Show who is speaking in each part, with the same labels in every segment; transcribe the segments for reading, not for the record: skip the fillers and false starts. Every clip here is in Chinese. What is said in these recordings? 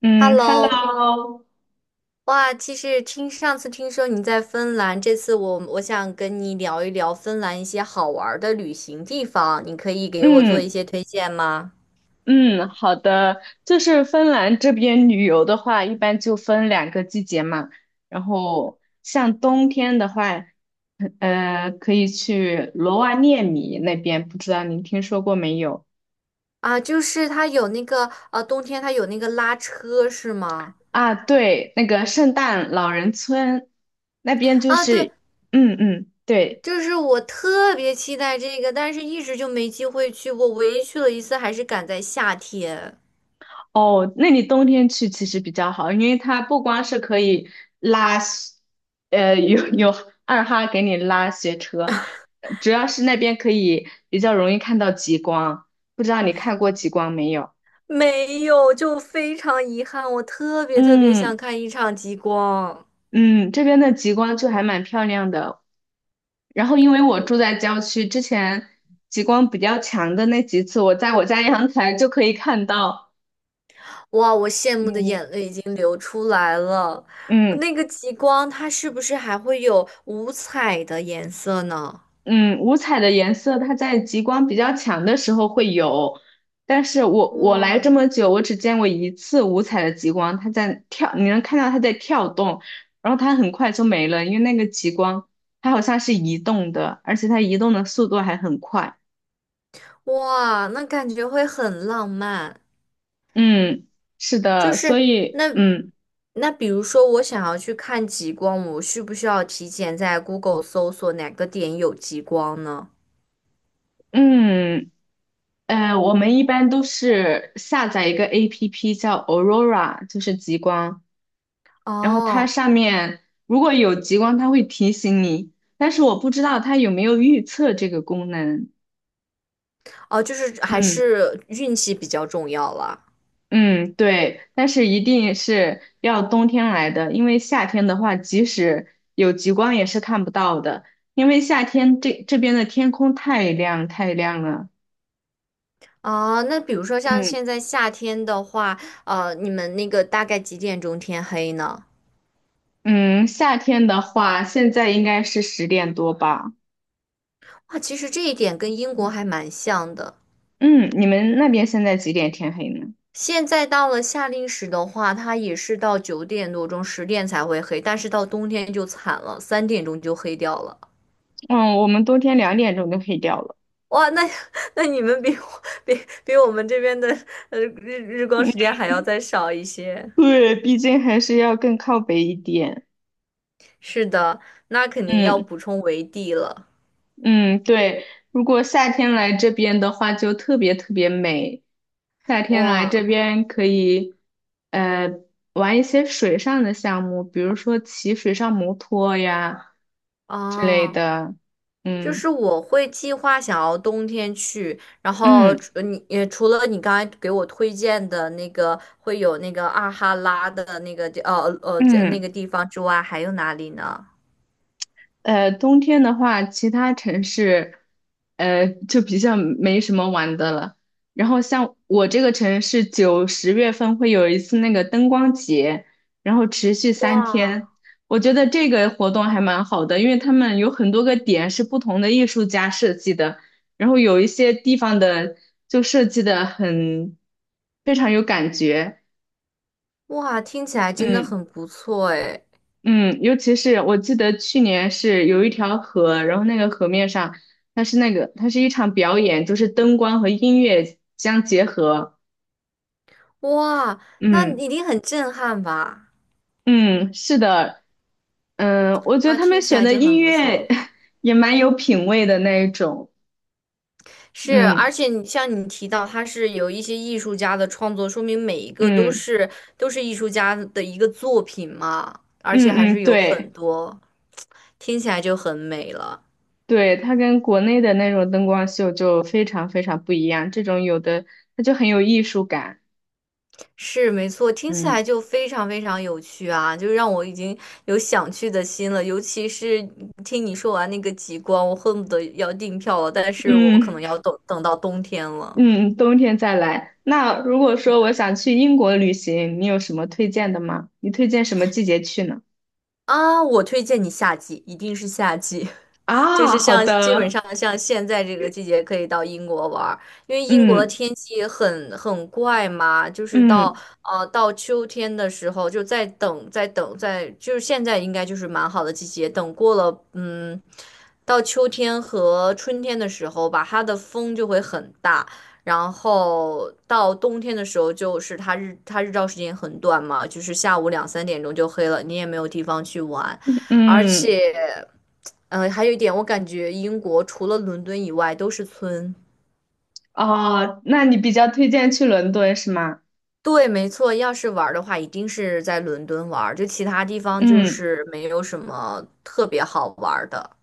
Speaker 1: 嗯
Speaker 2: Hello，
Speaker 1: ，Hello，
Speaker 2: 哇，其实上次听说你在芬兰，这次我想跟你聊一聊芬兰一些好玩儿的旅行地方，你可以给我做一
Speaker 1: 嗯
Speaker 2: 些推荐吗？
Speaker 1: 嗯，好的，就是芬兰这边旅游的话，一般就分两个季节嘛。然后像冬天的话，可以去罗瓦涅米那边，不知道您听说过没有？
Speaker 2: 啊，就是它有那个冬天它有那个拉车是吗？
Speaker 1: 啊，对，那个圣诞老人村那边就
Speaker 2: 啊，对，
Speaker 1: 是，嗯嗯，对。
Speaker 2: 就是我特别期待这个，但是一直就没机会去过，唯一去了一次还是赶在夏天。
Speaker 1: 哦，那你冬天去其实比较好，因为它不光是可以拉雪，呃，有有二哈给你拉雪车，主要是那边可以比较容易看到极光。不知道你看过极光没有？
Speaker 2: 没有，就非常遗憾，我特别特别
Speaker 1: 嗯
Speaker 2: 想看一场极光。
Speaker 1: 嗯，这边的极光就还蛮漂亮的。然后因为我住在郊区，之前极光比较强的那几次，我在我家阳台就可以看到。
Speaker 2: 哇，我羡慕的
Speaker 1: 嗯
Speaker 2: 眼泪已经流出来了。
Speaker 1: 嗯。
Speaker 2: 那个极光，它是不是还会有五彩的颜色呢？
Speaker 1: 嗯，五彩的颜色它在极光比较强的时候会有，但是我来这
Speaker 2: 哇，
Speaker 1: 么久，我只见过一次五彩的极光，它在跳，你能看到它在跳动，然后它很快就没了，因为那个极光它好像是移动的，而且它移动的速度还很快。
Speaker 2: 哇，那感觉会很浪漫。
Speaker 1: 嗯，是
Speaker 2: 就
Speaker 1: 的，所
Speaker 2: 是
Speaker 1: 以
Speaker 2: 那
Speaker 1: 嗯
Speaker 2: 那，比如说我想要去看极光，我需不需要提前在 Google 搜索哪个点有极光呢？
Speaker 1: 嗯我们一般都是下载一个 APP 叫 Aurora，就是极光。然后它
Speaker 2: 哦，
Speaker 1: 上面如果有极光，它会提醒你，但是我不知道它有没有预测这个功能。
Speaker 2: 哦，就是还
Speaker 1: 嗯
Speaker 2: 是运气比较重要啦。
Speaker 1: 嗯，对，但是一定是要冬天来的，因为夏天的话，即使有极光也是看不到的，因为夏天这边的天空太亮太亮了。
Speaker 2: 啊，那比如说像
Speaker 1: 嗯
Speaker 2: 现在夏天的话，你们那个大概几点钟天黑呢？
Speaker 1: 嗯，夏天的话，现在应该是10点多吧？
Speaker 2: 啊，其实这一点跟英国还蛮像的。
Speaker 1: 嗯，你们那边现在几点天黑呢？
Speaker 2: 现在到了夏令时的话，它也是到9点多钟、10点才会黑，但是到冬天就惨了，三点钟就黑掉了。
Speaker 1: 嗯，我们冬天2点钟就黑掉了。
Speaker 2: 哇，那 那你们比我们这边的日光时
Speaker 1: 嗯。
Speaker 2: 间还要再少一些。
Speaker 1: 对，毕竟还是要更靠北一点。
Speaker 2: 是的，那肯定要
Speaker 1: 嗯
Speaker 2: 补充维 D 了。
Speaker 1: 嗯，对，如果夏天来这边的话，就特别特别美。夏天来
Speaker 2: 哇
Speaker 1: 这边可以，呃，玩一些水上的项目，比如说骑水上摩托呀之类
Speaker 2: 啊！哦，
Speaker 1: 的。
Speaker 2: 就
Speaker 1: 嗯
Speaker 2: 是我会计划想要冬天去，然后
Speaker 1: 嗯
Speaker 2: 除了你刚才给我推荐的那个会有那个阿哈拉的那个地呃呃这那个
Speaker 1: 嗯。
Speaker 2: 地方之外，还有哪里呢？
Speaker 1: 冬天的话，其他城市，就比较没什么玩的了。然后像我这个城市，9、10月份会有一次那个灯光节，然后持续三
Speaker 2: 哇
Speaker 1: 天。我觉得这个活动还蛮好的，因为他们有很多个点是不同的艺术家设计的，然后有一些地方的就设计的很非常有感觉。
Speaker 2: 哇，听起来真的
Speaker 1: 嗯。
Speaker 2: 很不错诶！
Speaker 1: 嗯，尤其是我记得去年是有一条河，然后那个河面上，它是那个，它是一场表演，就是灯光和音乐相结合。
Speaker 2: 哇，那
Speaker 1: 嗯
Speaker 2: 一定很震撼吧？
Speaker 1: 嗯，是的，嗯，我觉得
Speaker 2: 哇，
Speaker 1: 他
Speaker 2: 听
Speaker 1: 们
Speaker 2: 起
Speaker 1: 选
Speaker 2: 来
Speaker 1: 的
Speaker 2: 就
Speaker 1: 音
Speaker 2: 很不
Speaker 1: 乐
Speaker 2: 错。
Speaker 1: 也蛮有品味的那一种。
Speaker 2: 是，而
Speaker 1: 嗯
Speaker 2: 且你像你提到，它是有一些艺术家的创作，说明每一个都
Speaker 1: 嗯
Speaker 2: 是都是艺术家的一个作品嘛，而且
Speaker 1: 嗯
Speaker 2: 还是
Speaker 1: 嗯，
Speaker 2: 有很
Speaker 1: 对
Speaker 2: 多，听起来就很美了。
Speaker 1: 对，它跟国内的那种灯光秀就非常非常不一样，这种有的它就很有艺术感。
Speaker 2: 是，没错，听起
Speaker 1: 嗯
Speaker 2: 来就非常非常有趣啊，就让我已经有想去的心了。尤其是听你说完那个极光，我恨不得要订票了，但是我可
Speaker 1: 嗯。
Speaker 2: 能要等等到冬天了。
Speaker 1: 嗯，冬天再来。那如果说我想去英国旅行，你有什么推荐的吗？你推荐什么季节去呢？
Speaker 2: 啊，我推荐你夏季，一定是夏季。就
Speaker 1: 啊，
Speaker 2: 是
Speaker 1: 好
Speaker 2: 像基本
Speaker 1: 的，
Speaker 2: 上像现在这个季节可以到英国玩儿，因为英国的
Speaker 1: 嗯
Speaker 2: 天气很怪嘛，就是到
Speaker 1: 嗯
Speaker 2: 呃到秋天的时候就在等在等在，就是现在应该就是蛮好的季节，等过了到秋天和春天的时候吧，它的风就会很大。然后到冬天的时候，就是它日照时间很短嘛，就是下午2、3点钟就黑了，你也没有地方去玩。而
Speaker 1: 嗯，
Speaker 2: 且，还有一点，我感觉英国除了伦敦以外都是村。
Speaker 1: 哦，那你比较推荐去伦敦是吗？
Speaker 2: 对，没错，要是玩儿的话，一定是在伦敦玩儿，就其他地方就
Speaker 1: 嗯
Speaker 2: 是没有什么特别好玩儿的。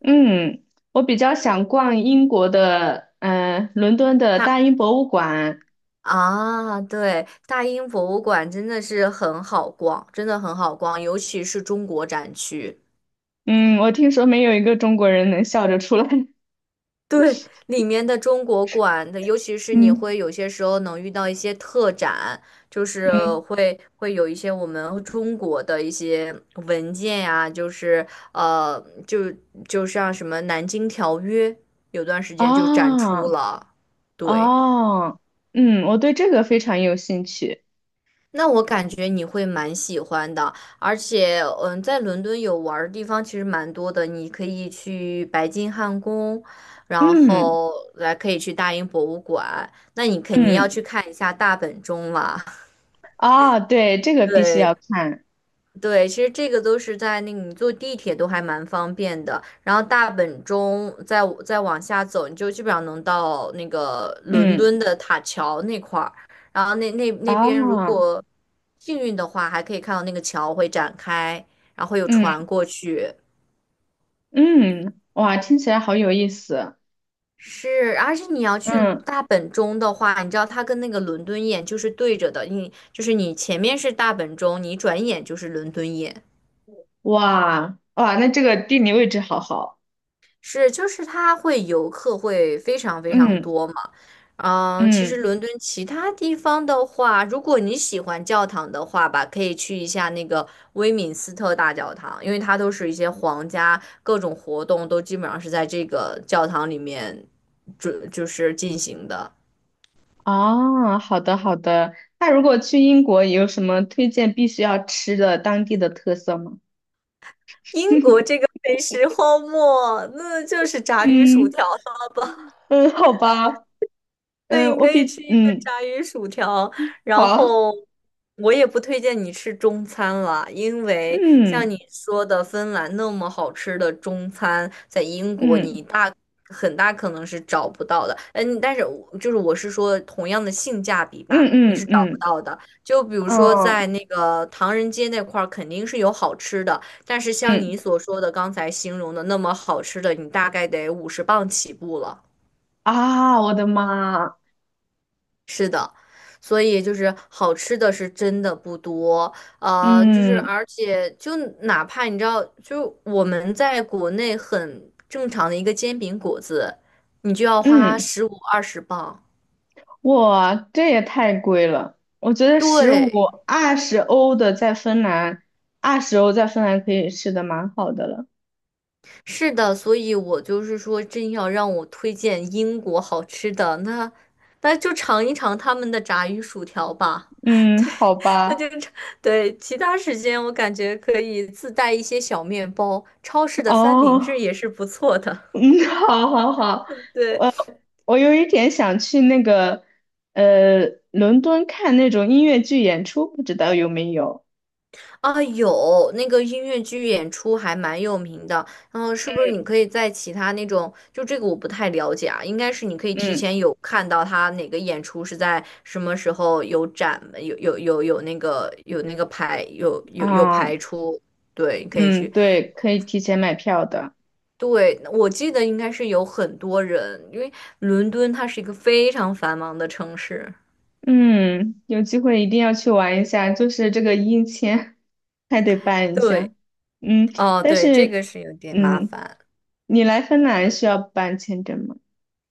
Speaker 1: 嗯，我比较想逛英国的，伦敦的
Speaker 2: 大
Speaker 1: 大英博物馆。
Speaker 2: 啊，对，大英博物馆真的是很好逛，真的很好逛，尤其是中国展区。
Speaker 1: 嗯，我听说没有一个中国人能笑着出来。
Speaker 2: 对，里面的中国馆的，尤其是你
Speaker 1: 嗯
Speaker 2: 会有些时候能遇到一些特展，就是
Speaker 1: 嗯，
Speaker 2: 会有一些我们中国的一些文件呀、就是就像什么《南京条约》，有段时间就展出
Speaker 1: 啊
Speaker 2: 了，对。
Speaker 1: 啊，嗯，我对这个非常有兴趣。
Speaker 2: 那我感觉你会蛮喜欢的，而且，嗯，在伦敦有玩儿的地方其实蛮多的，你可以去白金汉宫，然
Speaker 1: 嗯
Speaker 2: 后来可以去大英博物馆，那你肯定要
Speaker 1: 嗯
Speaker 2: 去看一下大本钟啦。
Speaker 1: 啊，对，这个必须要
Speaker 2: 对，
Speaker 1: 看。
Speaker 2: 对，其实这个都是在那个你坐地铁都还蛮方便的，然后大本钟再往下走，你就基本上能到那个伦
Speaker 1: 嗯
Speaker 2: 敦的塔桥那块儿，然后那边如
Speaker 1: 啊，
Speaker 2: 果幸运的话，还可以看到那个桥会展开，然后会有船
Speaker 1: 嗯
Speaker 2: 过去。
Speaker 1: 嗯，哇，听起来好有意思。
Speaker 2: 是，而且你要去
Speaker 1: 嗯，
Speaker 2: 大本钟的话，你知道它跟那个伦敦眼就是对着的，你就是你前面是大本钟，你转眼就是伦敦眼。
Speaker 1: 哇哇，那这个地理位置好好。
Speaker 2: 是，就是它会游客会非常非常
Speaker 1: 嗯
Speaker 2: 多嘛。嗯，其实
Speaker 1: 嗯，
Speaker 2: 伦敦其他地方的话，如果你喜欢教堂的话吧，可以去一下那个威敏斯特大教堂，因为它都是一些皇家各种活动都基本上是在这个教堂里面就是进行的。
Speaker 1: 啊，好的好的。那如果去英国，有什么推荐必须要吃的当地的特色吗？
Speaker 2: 英国这个美食荒漠，那就是炸鱼薯
Speaker 1: 嗯
Speaker 2: 条了。
Speaker 1: 嗯，好吧。
Speaker 2: 对，
Speaker 1: 嗯，
Speaker 2: 你
Speaker 1: 我
Speaker 2: 可以
Speaker 1: 比
Speaker 2: 吃一个
Speaker 1: 嗯
Speaker 2: 炸鱼薯条，然
Speaker 1: 好。
Speaker 2: 后我也不推荐你吃中餐了，因为像
Speaker 1: 嗯
Speaker 2: 你说的，芬兰那么好吃的中餐，在英国
Speaker 1: 嗯
Speaker 2: 很大可能是找不到的。嗯，但是我是说同样的性价比
Speaker 1: 嗯
Speaker 2: 吧，你
Speaker 1: 嗯
Speaker 2: 是
Speaker 1: 嗯
Speaker 2: 找不
Speaker 1: 嗯
Speaker 2: 到的。就比如说在那个唐人街那块儿，肯定是有好吃的，但是像
Speaker 1: 嗯
Speaker 2: 你所说的刚才形容的那么好吃的，你大概得50磅起步了。
Speaker 1: 啊，我的妈！
Speaker 2: 所以就是好吃的是真的不多，呃，就是
Speaker 1: 嗯
Speaker 2: 而且就哪怕你知道，就我们在国内很正常的一个煎饼果子，你就要花
Speaker 1: 嗯，
Speaker 2: 15、20磅。
Speaker 1: 哇，这也太贵了！我觉得十五
Speaker 2: 对，
Speaker 1: 二十欧的在芬兰，二十欧在芬兰可以吃的蛮好的了。
Speaker 2: 是的，所以我就是说，真要让我推荐英国好吃的，那就尝一尝他们的炸鱼薯条吧。
Speaker 1: 嗯，好
Speaker 2: 那就
Speaker 1: 吧，
Speaker 2: 尝对，其他时间我感觉可以自带一些小面包，超市的三明治
Speaker 1: 哦，
Speaker 2: 也是不错的。
Speaker 1: 嗯，好好好，
Speaker 2: 对。
Speaker 1: 我我有一点想去那个伦敦看那种音乐剧演出，不知道有没有？
Speaker 2: 啊，有那个音乐剧演出还蛮有名的，然后是不是你可以在其他那种，就这个我不太了解啊，应该是你可以提
Speaker 1: 嗯
Speaker 2: 前有看到他哪个演出是在什么时候有展，有有有有那个有那个排有有有
Speaker 1: 啊，
Speaker 2: 排出，对，你可以
Speaker 1: 嗯，
Speaker 2: 去。
Speaker 1: 对，可以提前买票的。
Speaker 2: 对，我记得应该是有很多人，因为伦敦它是一个非常繁忙的城市。
Speaker 1: 嗯，有机会一定要去玩一下，就是这个印签还得办一下。
Speaker 2: 对，
Speaker 1: 嗯，
Speaker 2: 哦，
Speaker 1: 但
Speaker 2: 对，这
Speaker 1: 是，
Speaker 2: 个是有点麻
Speaker 1: 嗯，
Speaker 2: 烦，
Speaker 1: 你来芬兰需要办签证吗？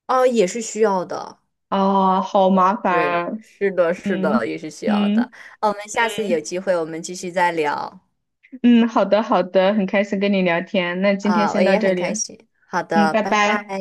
Speaker 2: 哦，也是需要的。
Speaker 1: 哦，好麻烦
Speaker 2: 对，
Speaker 1: 啊。
Speaker 2: 是的，是的，
Speaker 1: 嗯
Speaker 2: 也是需要的。
Speaker 1: 嗯
Speaker 2: 啊，我们下次有机会，我们继续再聊。
Speaker 1: 嗯，好的好的，很开心跟你聊天，那今天
Speaker 2: 啊，我
Speaker 1: 先到
Speaker 2: 也
Speaker 1: 这
Speaker 2: 很
Speaker 1: 里，
Speaker 2: 开心。好
Speaker 1: 嗯，
Speaker 2: 的，
Speaker 1: 拜
Speaker 2: 拜拜。
Speaker 1: 拜。